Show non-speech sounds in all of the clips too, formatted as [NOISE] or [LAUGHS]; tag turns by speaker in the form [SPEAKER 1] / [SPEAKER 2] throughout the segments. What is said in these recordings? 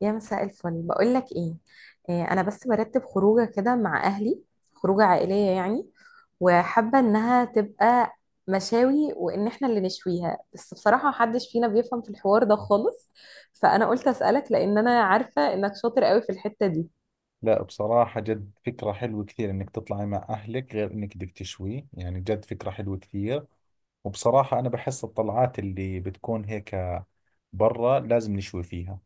[SPEAKER 1] يا مساء الفل، بقول لك ايه. آه، انا بس برتب خروجه كده مع اهلي. خروجه عائليه يعني، وحابه انها تبقى مشاوي وان احنا اللي نشويها، بس بصراحه محدش فينا بيفهم في الحوار ده خالص. فانا قلت اسالك، لان انا عارفه انك شاطر قوي في الحته دي.
[SPEAKER 2] لا، بصراحة جد فكرة حلوة كثير انك تطلعي مع اهلك، غير انك بدك تشوي، يعني جد فكرة حلوة كثير. وبصراحة انا بحس الطلعات اللي بتكون هيك برا لازم نشوي فيها.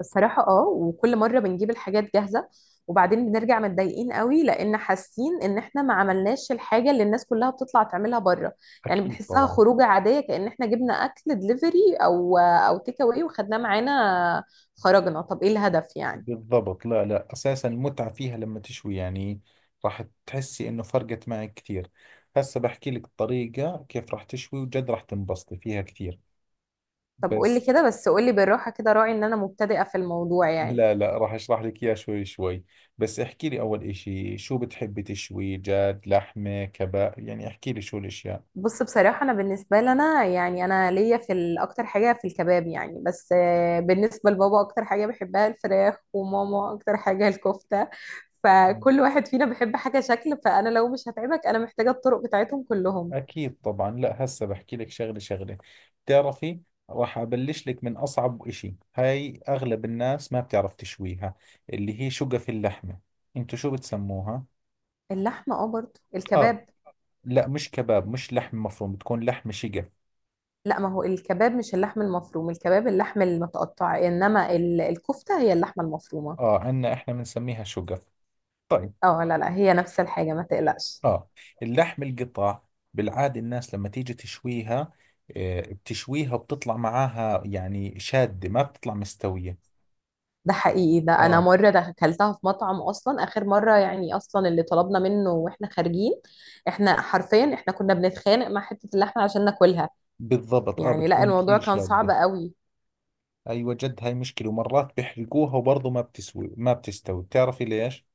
[SPEAKER 1] الصراحة اه، وكل مرة بنجيب الحاجات جاهزة وبعدين بنرجع متضايقين قوي، لان حاسين ان احنا ما عملناش الحاجة اللي الناس كلها بتطلع تعملها بره. يعني
[SPEAKER 2] اكيد
[SPEAKER 1] بنحسها
[SPEAKER 2] طبعا.
[SPEAKER 1] خروجة عادية، كأن احنا جبنا اكل دليفري او تيك اواي وخدناه معانا. خرجنا، طب ايه الهدف يعني؟
[SPEAKER 2] بالضبط. لا لا، اساسا المتعة فيها لما تشوي يعني. راح تحسي انه فرقت معك كثير. هسه بحكي لك الطريقة كيف راح تشوي، وجد راح تنبسطي فيها كثير.
[SPEAKER 1] طب قولي
[SPEAKER 2] بس.
[SPEAKER 1] كده، بس قولي بالراحة كده، راعي ان انا مبتدئة في الموضوع يعني.
[SPEAKER 2] لا لا، راح اشرح لك اياه شوي شوي. بس احكي لي اول اشي، شو بتحبي تشوي جاد؟ لحمة كباب؟ يعني احكي لي شو الاشياء.
[SPEAKER 1] بص، بصراحة أنا بالنسبة لنا يعني أنا ليا في أكتر حاجة في الكباب يعني، بس آه، بالنسبة لبابا أكتر حاجة بحبها الفراخ، وماما أكتر حاجة الكفتة.
[SPEAKER 2] مم.
[SPEAKER 1] فكل واحد فينا بيحب حاجة شكل، فأنا لو مش هتعبك أنا محتاجة الطرق بتاعتهم كلهم.
[SPEAKER 2] اكيد طبعا. لا، هسه بحكي لك شغلة شغلة. بتعرفي؟ راح ابلش لك من اصعب اشي، هاي اغلب الناس ما بتعرف تشويها. اللي هي شقف اللحمة. انتو شو بتسموها؟
[SPEAKER 1] اللحمة أه، برضه
[SPEAKER 2] اه،
[SPEAKER 1] الكباب.
[SPEAKER 2] لا مش كباب، مش لحم مفروم، بتكون لحم شقف.
[SPEAKER 1] لا، ما هو الكباب مش اللحم المفروم، الكباب اللحم المتقطع، إنما الكفتة هي اللحمة المفرومة.
[SPEAKER 2] اه، عنا احنا بنسميها شقف. طيب.
[SPEAKER 1] أه لا لا، هي نفس الحاجة، ما تقلقش.
[SPEAKER 2] اه. اللحم القطع. بالعادة الناس لما تيجي تشويها، بتشويها وبتطلع معاها يعني شادة، ما بتطلع مستوية.
[SPEAKER 1] ده حقيقي. ده انا
[SPEAKER 2] اه.
[SPEAKER 1] مره ده اكلتها في مطعم، اصلا اخر مره يعني، اصلا اللي طلبنا منه واحنا خارجين، احنا حرفيا كنا بنتخانق مع حته اللحمه عشان ناكلها.
[SPEAKER 2] بالضبط. اه،
[SPEAKER 1] يعني لا،
[SPEAKER 2] بتكون
[SPEAKER 1] الموضوع
[SPEAKER 2] كثير
[SPEAKER 1] كان صعب
[SPEAKER 2] شادة.
[SPEAKER 1] قوي.
[SPEAKER 2] ايوه، جد هاي مشكلة، ومرات بيحرقوها وبرضه ما بتستوي. بتعرفي ليش؟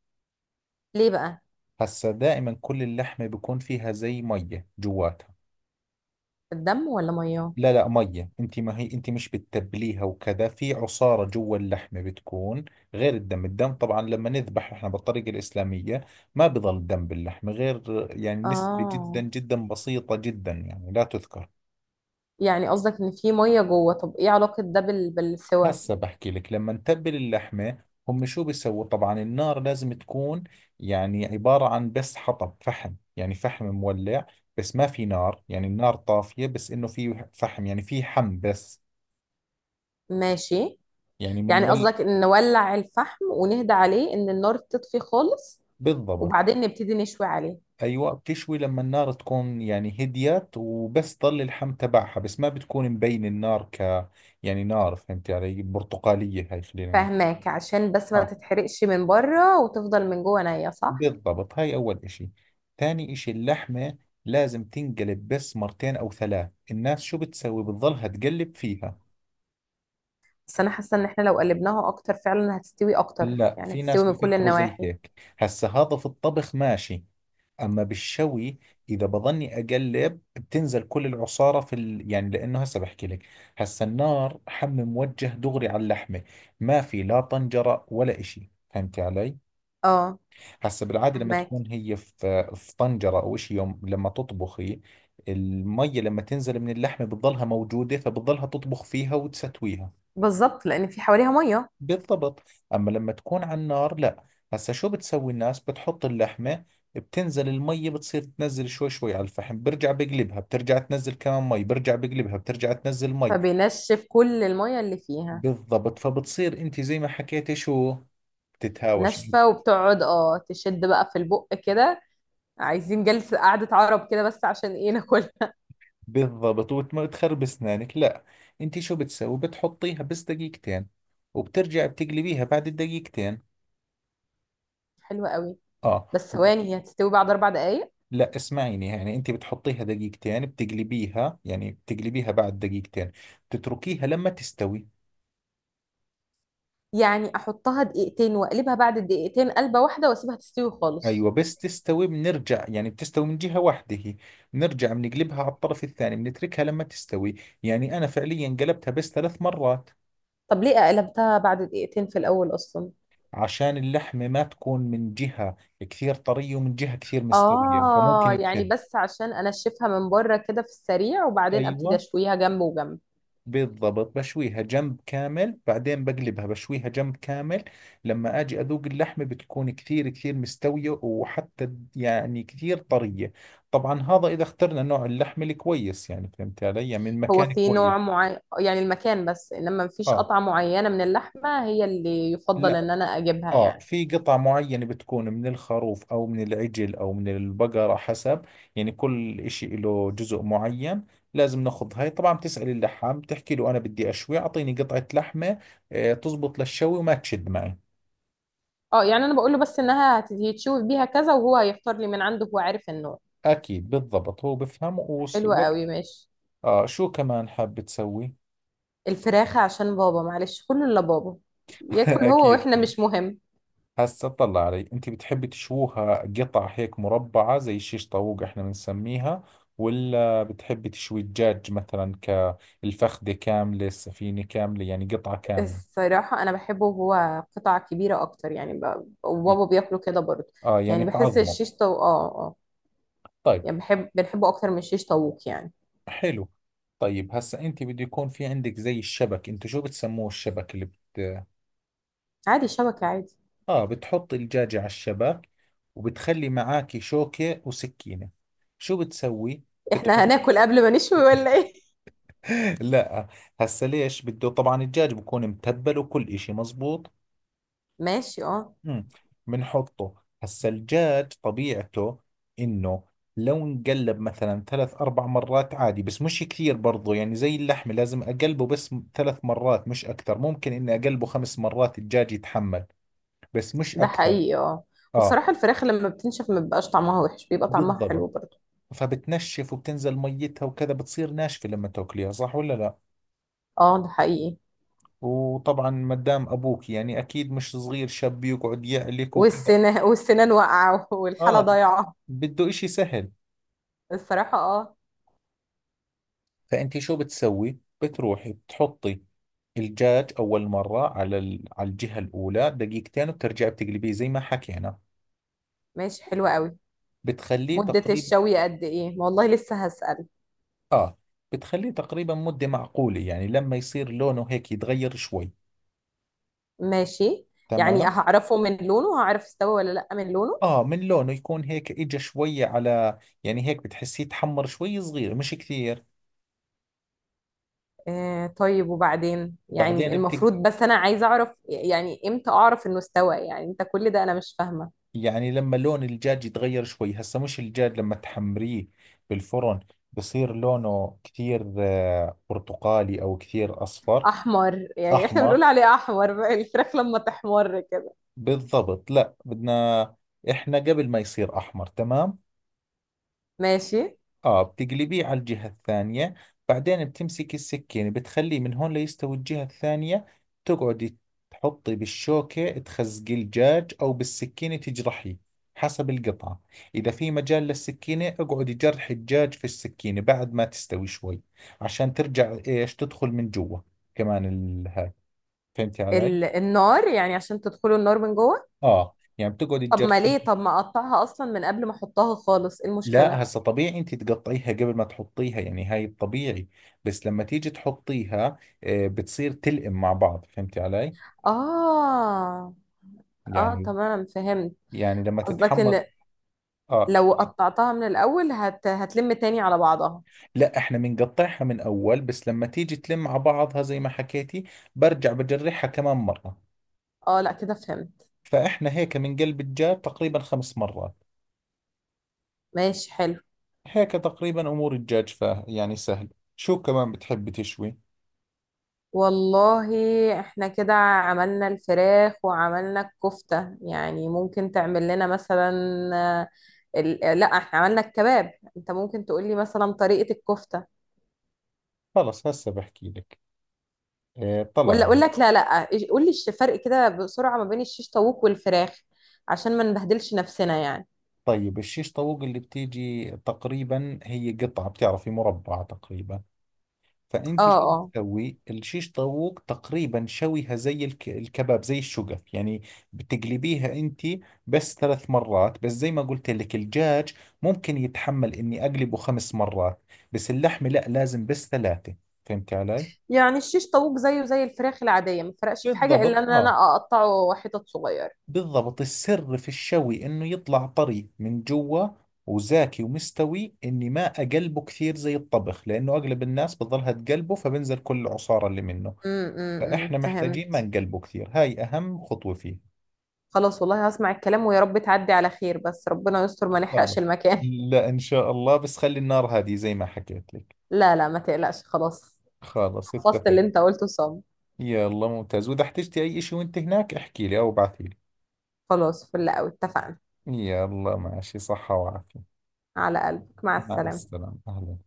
[SPEAKER 1] ليه بقى؟
[SPEAKER 2] هسا دائما كل اللحمة بيكون فيها زي مية جواتها.
[SPEAKER 1] الدم ولا ميه؟
[SPEAKER 2] لا لا، مية. انت ما هي انت مش بتتبليها وكذا، في عصارة جوا اللحمة بتكون. غير الدم. الدم طبعا لما نذبح احنا بالطريقة الإسلامية، ما بضل دم باللحمة، غير يعني نسبة جدا
[SPEAKER 1] اه،
[SPEAKER 2] جدا بسيطة، جدا يعني لا تذكر.
[SPEAKER 1] يعني قصدك ان في ميه جوه. طب ايه علاقه ده بال... بالسوى؟
[SPEAKER 2] هسه بحكي لك لما نتبل اللحمة، هم شو بيسووا؟ طبعا النار لازم تكون يعني عبارة عن بس حطب فحم، يعني فحم مولع، بس ما في نار، يعني النار طافية، بس انه في فحم، يعني في حم بس.
[SPEAKER 1] ماشي.
[SPEAKER 2] يعني
[SPEAKER 1] يعني
[SPEAKER 2] بنولع.
[SPEAKER 1] قصدك ان نولع الفحم ونهدى عليه، ان النار تطفي خالص،
[SPEAKER 2] بالضبط.
[SPEAKER 1] وبعدين نبتدي نشوي عليه.
[SPEAKER 2] ايوه، بتشوي لما النار تكون يعني هديت وبس ضل اللحم تبعها، بس ما بتكون مبين النار يعني نار، فهمت علي، برتقالية، هاي خلينا نحكي.
[SPEAKER 1] فاهماك، عشان بس ما
[SPEAKER 2] اه.
[SPEAKER 1] تتحرقش من بره وتفضل من جوه نية، صح؟
[SPEAKER 2] بالضبط، هاي اول اشي. ثاني اشي اللحمة، لازم تنقلب بس مرتين او ثلاث. الناس شو بتسوي؟ بتضلها تقلب فيها.
[SPEAKER 1] بس انا حاسه ان احنا لو قلبناها اكتر فعلا هتستوي اكتر،
[SPEAKER 2] لا،
[SPEAKER 1] يعني
[SPEAKER 2] في ناس
[SPEAKER 1] هتستوي من كل
[SPEAKER 2] بيفكروا زي
[SPEAKER 1] النواحي.
[SPEAKER 2] هيك. هسا هذا في الطبخ ماشي، اما بالشوي، اذا بظني اقلب بتنزل كل العصاره يعني لانه، هسه بحكي لك. هسه النار حم موجه دغري على اللحمه، ما في لا طنجره ولا إشي، فهمتي علي؟
[SPEAKER 1] اه،
[SPEAKER 2] هسه بالعاده، لما
[SPEAKER 1] فهماك.
[SPEAKER 2] تكون هي في طنجره او إشي يوم لما تطبخي، المية لما تنزل من اللحمه بتضلها موجوده، فبتضلها تطبخ فيها وتستويها.
[SPEAKER 1] بالظبط، لان في حواليها ميه،
[SPEAKER 2] بالضبط. أما لما تكون على النار لا. هسا شو بتسوي؟ الناس بتحط اللحمة، بتنزل المية بتصير تنزل شوي شوي على الفحم، برجع بقلبها، بترجع تنزل كمان مي، برجع بقلبها، بترجع تنزل مي.
[SPEAKER 1] فبينشف كل الميه اللي فيها.
[SPEAKER 2] بالضبط، فبتصير انت زي ما حكيتي شو. بتتهاوش.
[SPEAKER 1] ناشفه، وبتقعد اه تشد بقى في البق كده، عايزين جلسه قعده عرب كده بس عشان ايه ناكلها.
[SPEAKER 2] بالضبط، وتخرب اسنانك، لا. انت شو بتسوي؟ بتحطيها بس دقيقتين، وبترجع بتقلبيها بعد الدقيقتين.
[SPEAKER 1] [LAUGHS] حلوه قوي.
[SPEAKER 2] اه.
[SPEAKER 1] بس ثواني، هي هتستوي بعد اربع دقايق؟
[SPEAKER 2] لا، اسمعيني يعني، انت بتحطيها دقيقتين بتقلبيها، يعني بتقلبيها بعد دقيقتين. بتتركيها لما تستوي.
[SPEAKER 1] يعني احطها دقيقتين واقلبها بعد الدقيقتين قلبه واحده واسيبها تستوي خالص؟
[SPEAKER 2] ايوه، بس تستوي بنرجع، يعني بتستوي من جهة واحدة هي، بنرجع بنقلبها على الطرف الثاني، بنتركها لما تستوي. يعني انا فعليا قلبتها بس 3 مرات.
[SPEAKER 1] طب ليه قلبتها بعد دقيقتين في الاول اصلا؟
[SPEAKER 2] عشان اللحمة ما تكون من جهة كثير طرية ومن جهة كثير مستوية،
[SPEAKER 1] اه،
[SPEAKER 2] فممكن
[SPEAKER 1] يعني
[SPEAKER 2] تشد.
[SPEAKER 1] بس عشان انشفها من بره كده في السريع، وبعدين ابتدي
[SPEAKER 2] ايوه.
[SPEAKER 1] اشويها جنب وجنب.
[SPEAKER 2] بالضبط، بشويها جنب كامل، بعدين بقلبها بشويها جنب كامل. لما اجي اذوق اللحمة بتكون كثير كثير مستوية، وحتى يعني كثير طرية. طبعا هذا اذا اخترنا نوع اللحم الكويس، يعني فهمت علي، يعني من
[SPEAKER 1] هو
[SPEAKER 2] مكان
[SPEAKER 1] في
[SPEAKER 2] كويس.
[SPEAKER 1] نوع معين يعني المكان، بس انما مفيش
[SPEAKER 2] اه.
[SPEAKER 1] قطعة معينة من اللحمة هي اللي يفضل
[SPEAKER 2] لا.
[SPEAKER 1] ان انا اجيبها
[SPEAKER 2] اه،
[SPEAKER 1] يعني؟
[SPEAKER 2] في قطع معينة بتكون من الخروف او من العجل او من البقرة، حسب. يعني كل اشي له جزء معين. لازم ناخذ هاي، طبعا بتسأل اللحام بتحكي له انا بدي اشوي، اعطيني قطعة لحمة، آه، تزبط للشوي وما تشد معي.
[SPEAKER 1] اه، يعني انا بقول له بس انها هيتشوي بيها كذا، وهو هيختار لي من عنده، هو عارف النوع.
[SPEAKER 2] اكيد بالضبط، هو بفهم
[SPEAKER 1] حلو
[SPEAKER 2] ووقت.
[SPEAKER 1] قوي، ماشي.
[SPEAKER 2] اه، شو كمان حاب تسوي؟
[SPEAKER 1] الفراخة، عشان بابا معلش، كله الا بابا.
[SPEAKER 2] [LAUGHS]
[SPEAKER 1] ياكل هو،
[SPEAKER 2] اكيد.
[SPEAKER 1] واحنا مش مهم.
[SPEAKER 2] هسه اطلع علي، انت بتحبي تشووها قطع هيك مربعة زي شيش طاووق احنا بنسميها، ولا بتحبي تشوي الدجاج مثلا؟ كالفخدة كاملة، السفينة كاملة، يعني قطعة كاملة.
[SPEAKER 1] الصراحة أنا بحبه وهو قطع كبيرة أكتر، يعني
[SPEAKER 2] ي-
[SPEAKER 1] وبابا بياكله كده برضه.
[SPEAKER 2] اه،
[SPEAKER 1] يعني
[SPEAKER 2] يعني في
[SPEAKER 1] بحس
[SPEAKER 2] عظمه.
[SPEAKER 1] الشيش آه آه.
[SPEAKER 2] طيب.
[SPEAKER 1] يعني بحب، بنحبه أكتر من الشيش طاووق يعني.
[SPEAKER 2] حلو. طيب هسه، انت بده يكون في عندك زي الشبك، انتو شو بتسموه؟ الشبك اللي
[SPEAKER 1] عادي، شبكة عادي.
[SPEAKER 2] اه، بتحط الدجاجة على الشبك، وبتخلي معاكي شوكة وسكينة. شو بتسوي؟
[SPEAKER 1] [LAUGHS] إحنا هناكل قبل ما نشوي ولا إيه؟
[SPEAKER 2] لا. هسه ليش بده؟ طبعا الدجاج بكون متبل وكل إشي مزبوط.
[SPEAKER 1] [LAUGHS] ماشي، آه.
[SPEAKER 2] امم بنحطه. هسه الدجاج طبيعته، إنه لو نقلب مثلا ثلاث أربع مرات عادي، بس مش كثير برضو، يعني زي اللحمة لازم أقلبه بس ثلاث مرات، مش أكثر. ممكن إني أقلبه خمس مرات، الدجاج يتحمل، بس مش
[SPEAKER 1] ده
[SPEAKER 2] أكثر.
[SPEAKER 1] حقيقي، آه.
[SPEAKER 2] آه.
[SPEAKER 1] والصراحة الفراخ لما بتنشف ما بيبقاش طعمها وحش، بيبقى طعمها حلو
[SPEAKER 2] بالضبط،
[SPEAKER 1] برضه.
[SPEAKER 2] فبتنشف وبتنزل ميتها وكذا بتصير ناشفة لما تاكليها، صح ولا لا؟
[SPEAKER 1] آه، ده حقيقي.
[SPEAKER 2] وطبعا مدام ابوك يعني اكيد مش صغير شاب يقعد يعلك وكذا.
[SPEAKER 1] والسنان والسنان واقعة [LAUGHS] والحالة
[SPEAKER 2] اه.
[SPEAKER 1] ضايعة.
[SPEAKER 2] بده اشي سهل.
[SPEAKER 1] الصراحة آه.
[SPEAKER 2] فانت شو بتسوي؟ بتروحي بتحطي الدجاج اول مرة على الجهة الاولى دقيقتين، وبترجعي بتقلبيه زي ما حكينا.
[SPEAKER 1] ماشي، حلوة قوي.
[SPEAKER 2] بتخليه
[SPEAKER 1] مدة
[SPEAKER 2] تقريبا.
[SPEAKER 1] الشوي قد إيه؟ والله لسه هسأل.
[SPEAKER 2] اه. بتخليه تقريبا مدة معقولة، يعني لما يصير لونه هيك يتغير شوي.
[SPEAKER 1] ماشي. يعني
[SPEAKER 2] تمام.
[SPEAKER 1] هعرفه من لونه؟ هعرف استوى ولا لأ من لونه؟
[SPEAKER 2] اه، من لونه يكون هيك، اجى شوية على يعني هيك بتحسيه تحمر شوي صغير، مش كثير.
[SPEAKER 1] آه، طيب. وبعدين يعني
[SPEAKER 2] بعدين
[SPEAKER 1] المفروض، بس أنا عايزة أعرف يعني إمتى أعرف إنه استوى، يعني أنت كل ده أنا مش فاهمة.
[SPEAKER 2] يعني لما لون الدجاج يتغير شوي، هسه مش الدجاج لما تحمريه بالفرن بصير لونه كثير برتقالي او كثير اصفر.
[SPEAKER 1] أحمر، يعني إحنا بنقول
[SPEAKER 2] احمر.
[SPEAKER 1] عليه أحمر الفراخ لما تحمر كده.
[SPEAKER 2] بالضبط، لا بدنا احنا قبل ما يصير احمر، تمام.
[SPEAKER 1] ماشي.
[SPEAKER 2] اه، بتقلبيه على الجهة الثانية، بعدين بتمسكي السكينة بتخليه من هون ليستوي الجهة الثانية، تقعدي تحطي بالشوكة تخزقي الدجاج، أو بالسكينة تجرحيه، حسب القطعة. إذا في مجال للسكينة، اقعدي جرحي الدجاج في السكينة بعد ما تستوي شوي، عشان ترجع إيش تدخل من جوا، كمان هاي. فهمتي علي؟
[SPEAKER 1] النار يعني عشان تدخلوا النار من جوه.
[SPEAKER 2] اه، يعني بتقعدي
[SPEAKER 1] طب ما ليه،
[SPEAKER 2] تجرحيه.
[SPEAKER 1] طب ما أقطعها أصلا من قبل ما أحطها خالص، إيه المشكلة؟
[SPEAKER 2] لا، هسه طبيعي انت تقطعيها قبل ما تحطيها، يعني هاي الطبيعي. بس لما تيجي تحطيها، بتصير تلئم مع بعض، فهمتي علي؟
[SPEAKER 1] آه. آه
[SPEAKER 2] يعني.
[SPEAKER 1] تمام، فهمت.
[SPEAKER 2] يعني لما
[SPEAKER 1] قصدك
[SPEAKER 2] تتحمر،
[SPEAKER 1] إن
[SPEAKER 2] اه،
[SPEAKER 1] لو قطعتها من الأول هتلم تاني على بعضها.
[SPEAKER 2] لا احنا بنقطعها من اول، بس لما تيجي تلم مع بعضها زي ما حكيتي، برجع بجرحها كمان مرة.
[SPEAKER 1] اه لا كده فهمت.
[SPEAKER 2] فاحنا هيك من قلب الدجاج تقريبا 5 مرات.
[SPEAKER 1] ماشي، حلو.
[SPEAKER 2] هيك تقريبا امور الدجاج، فا يعني سهل. شو كمان بتحبي تشوي؟
[SPEAKER 1] والله احنا كده عملنا الفراخ وعملنا الكفتة، يعني ممكن تعمل لنا مثلا آه، آه، لا احنا عملنا الكباب، انت ممكن تقولي مثلا طريقة الكفتة.
[SPEAKER 2] خلص هسه بحكي لك. طلع.
[SPEAKER 1] ولا اقول لك، لا لا، قولي فرق كده بسرعة ما بين الشيش طاووق والفراخ، عشان ما نبهدلش نفسنا يعني.
[SPEAKER 2] طيب، الشيش طاووق اللي بتيجي تقريبا هي قطعة، بتعرفي، مربعة تقريبا. فأنت
[SPEAKER 1] اه
[SPEAKER 2] شو
[SPEAKER 1] اه.
[SPEAKER 2] بتسوي؟ الشيش طاووق تقريبا شويها زي الكباب، زي الشقف يعني. بتقلبيها أنت بس ثلاث مرات، بس زي ما قلت لك الدجاج ممكن يتحمل إني أقلبه خمس مرات. بس اللحمة لا، لازم بس ثلاثة. فهمتي علي؟
[SPEAKER 1] يعني الشيش طاووق زيه زي الفراخ العادية، ما فرقش في حاجة الا
[SPEAKER 2] بالضبط
[SPEAKER 1] ان
[SPEAKER 2] آه.
[SPEAKER 1] انا اقطعه حتت صغيرة.
[SPEAKER 2] بالضبط، السر في الشوي انه يطلع طري من جوا، وزاكي ومستوي، اني ما اقلبه كثير زي الطبخ، لانه اغلب الناس بتظلها تقلبه فبنزل كل العصارة اللي منه. فاحنا محتاجين ما
[SPEAKER 1] فهمت.
[SPEAKER 2] نقلبه كثير، هاي اهم خطوة فيه.
[SPEAKER 1] خلاص والله، هسمع الكلام ويا رب تعدي على خير، بس ربنا يستر ما
[SPEAKER 2] خلاص.
[SPEAKER 1] نحرقش المكان.
[SPEAKER 2] لا، ان شاء الله، بس خلي النار هادية زي ما حكيت
[SPEAKER 1] [LAUGHS]
[SPEAKER 2] لك.
[SPEAKER 1] لا لا، ما تقلقش، خلاص.
[SPEAKER 2] خلاص،
[SPEAKER 1] حفظت
[SPEAKER 2] اتفق.
[SPEAKER 1] اللي انت قلته صم.
[SPEAKER 2] يلا ممتاز، واذا احتجتي اي اشي وانت هناك احكي لي او ابعثي لي.
[SPEAKER 1] خلاص، فل قوي، اتفقنا.
[SPEAKER 2] يلا ماشي، صحة وعافية.
[SPEAKER 1] على قلبك، مع
[SPEAKER 2] مع
[SPEAKER 1] السلامة.
[SPEAKER 2] السلامة، اهلا.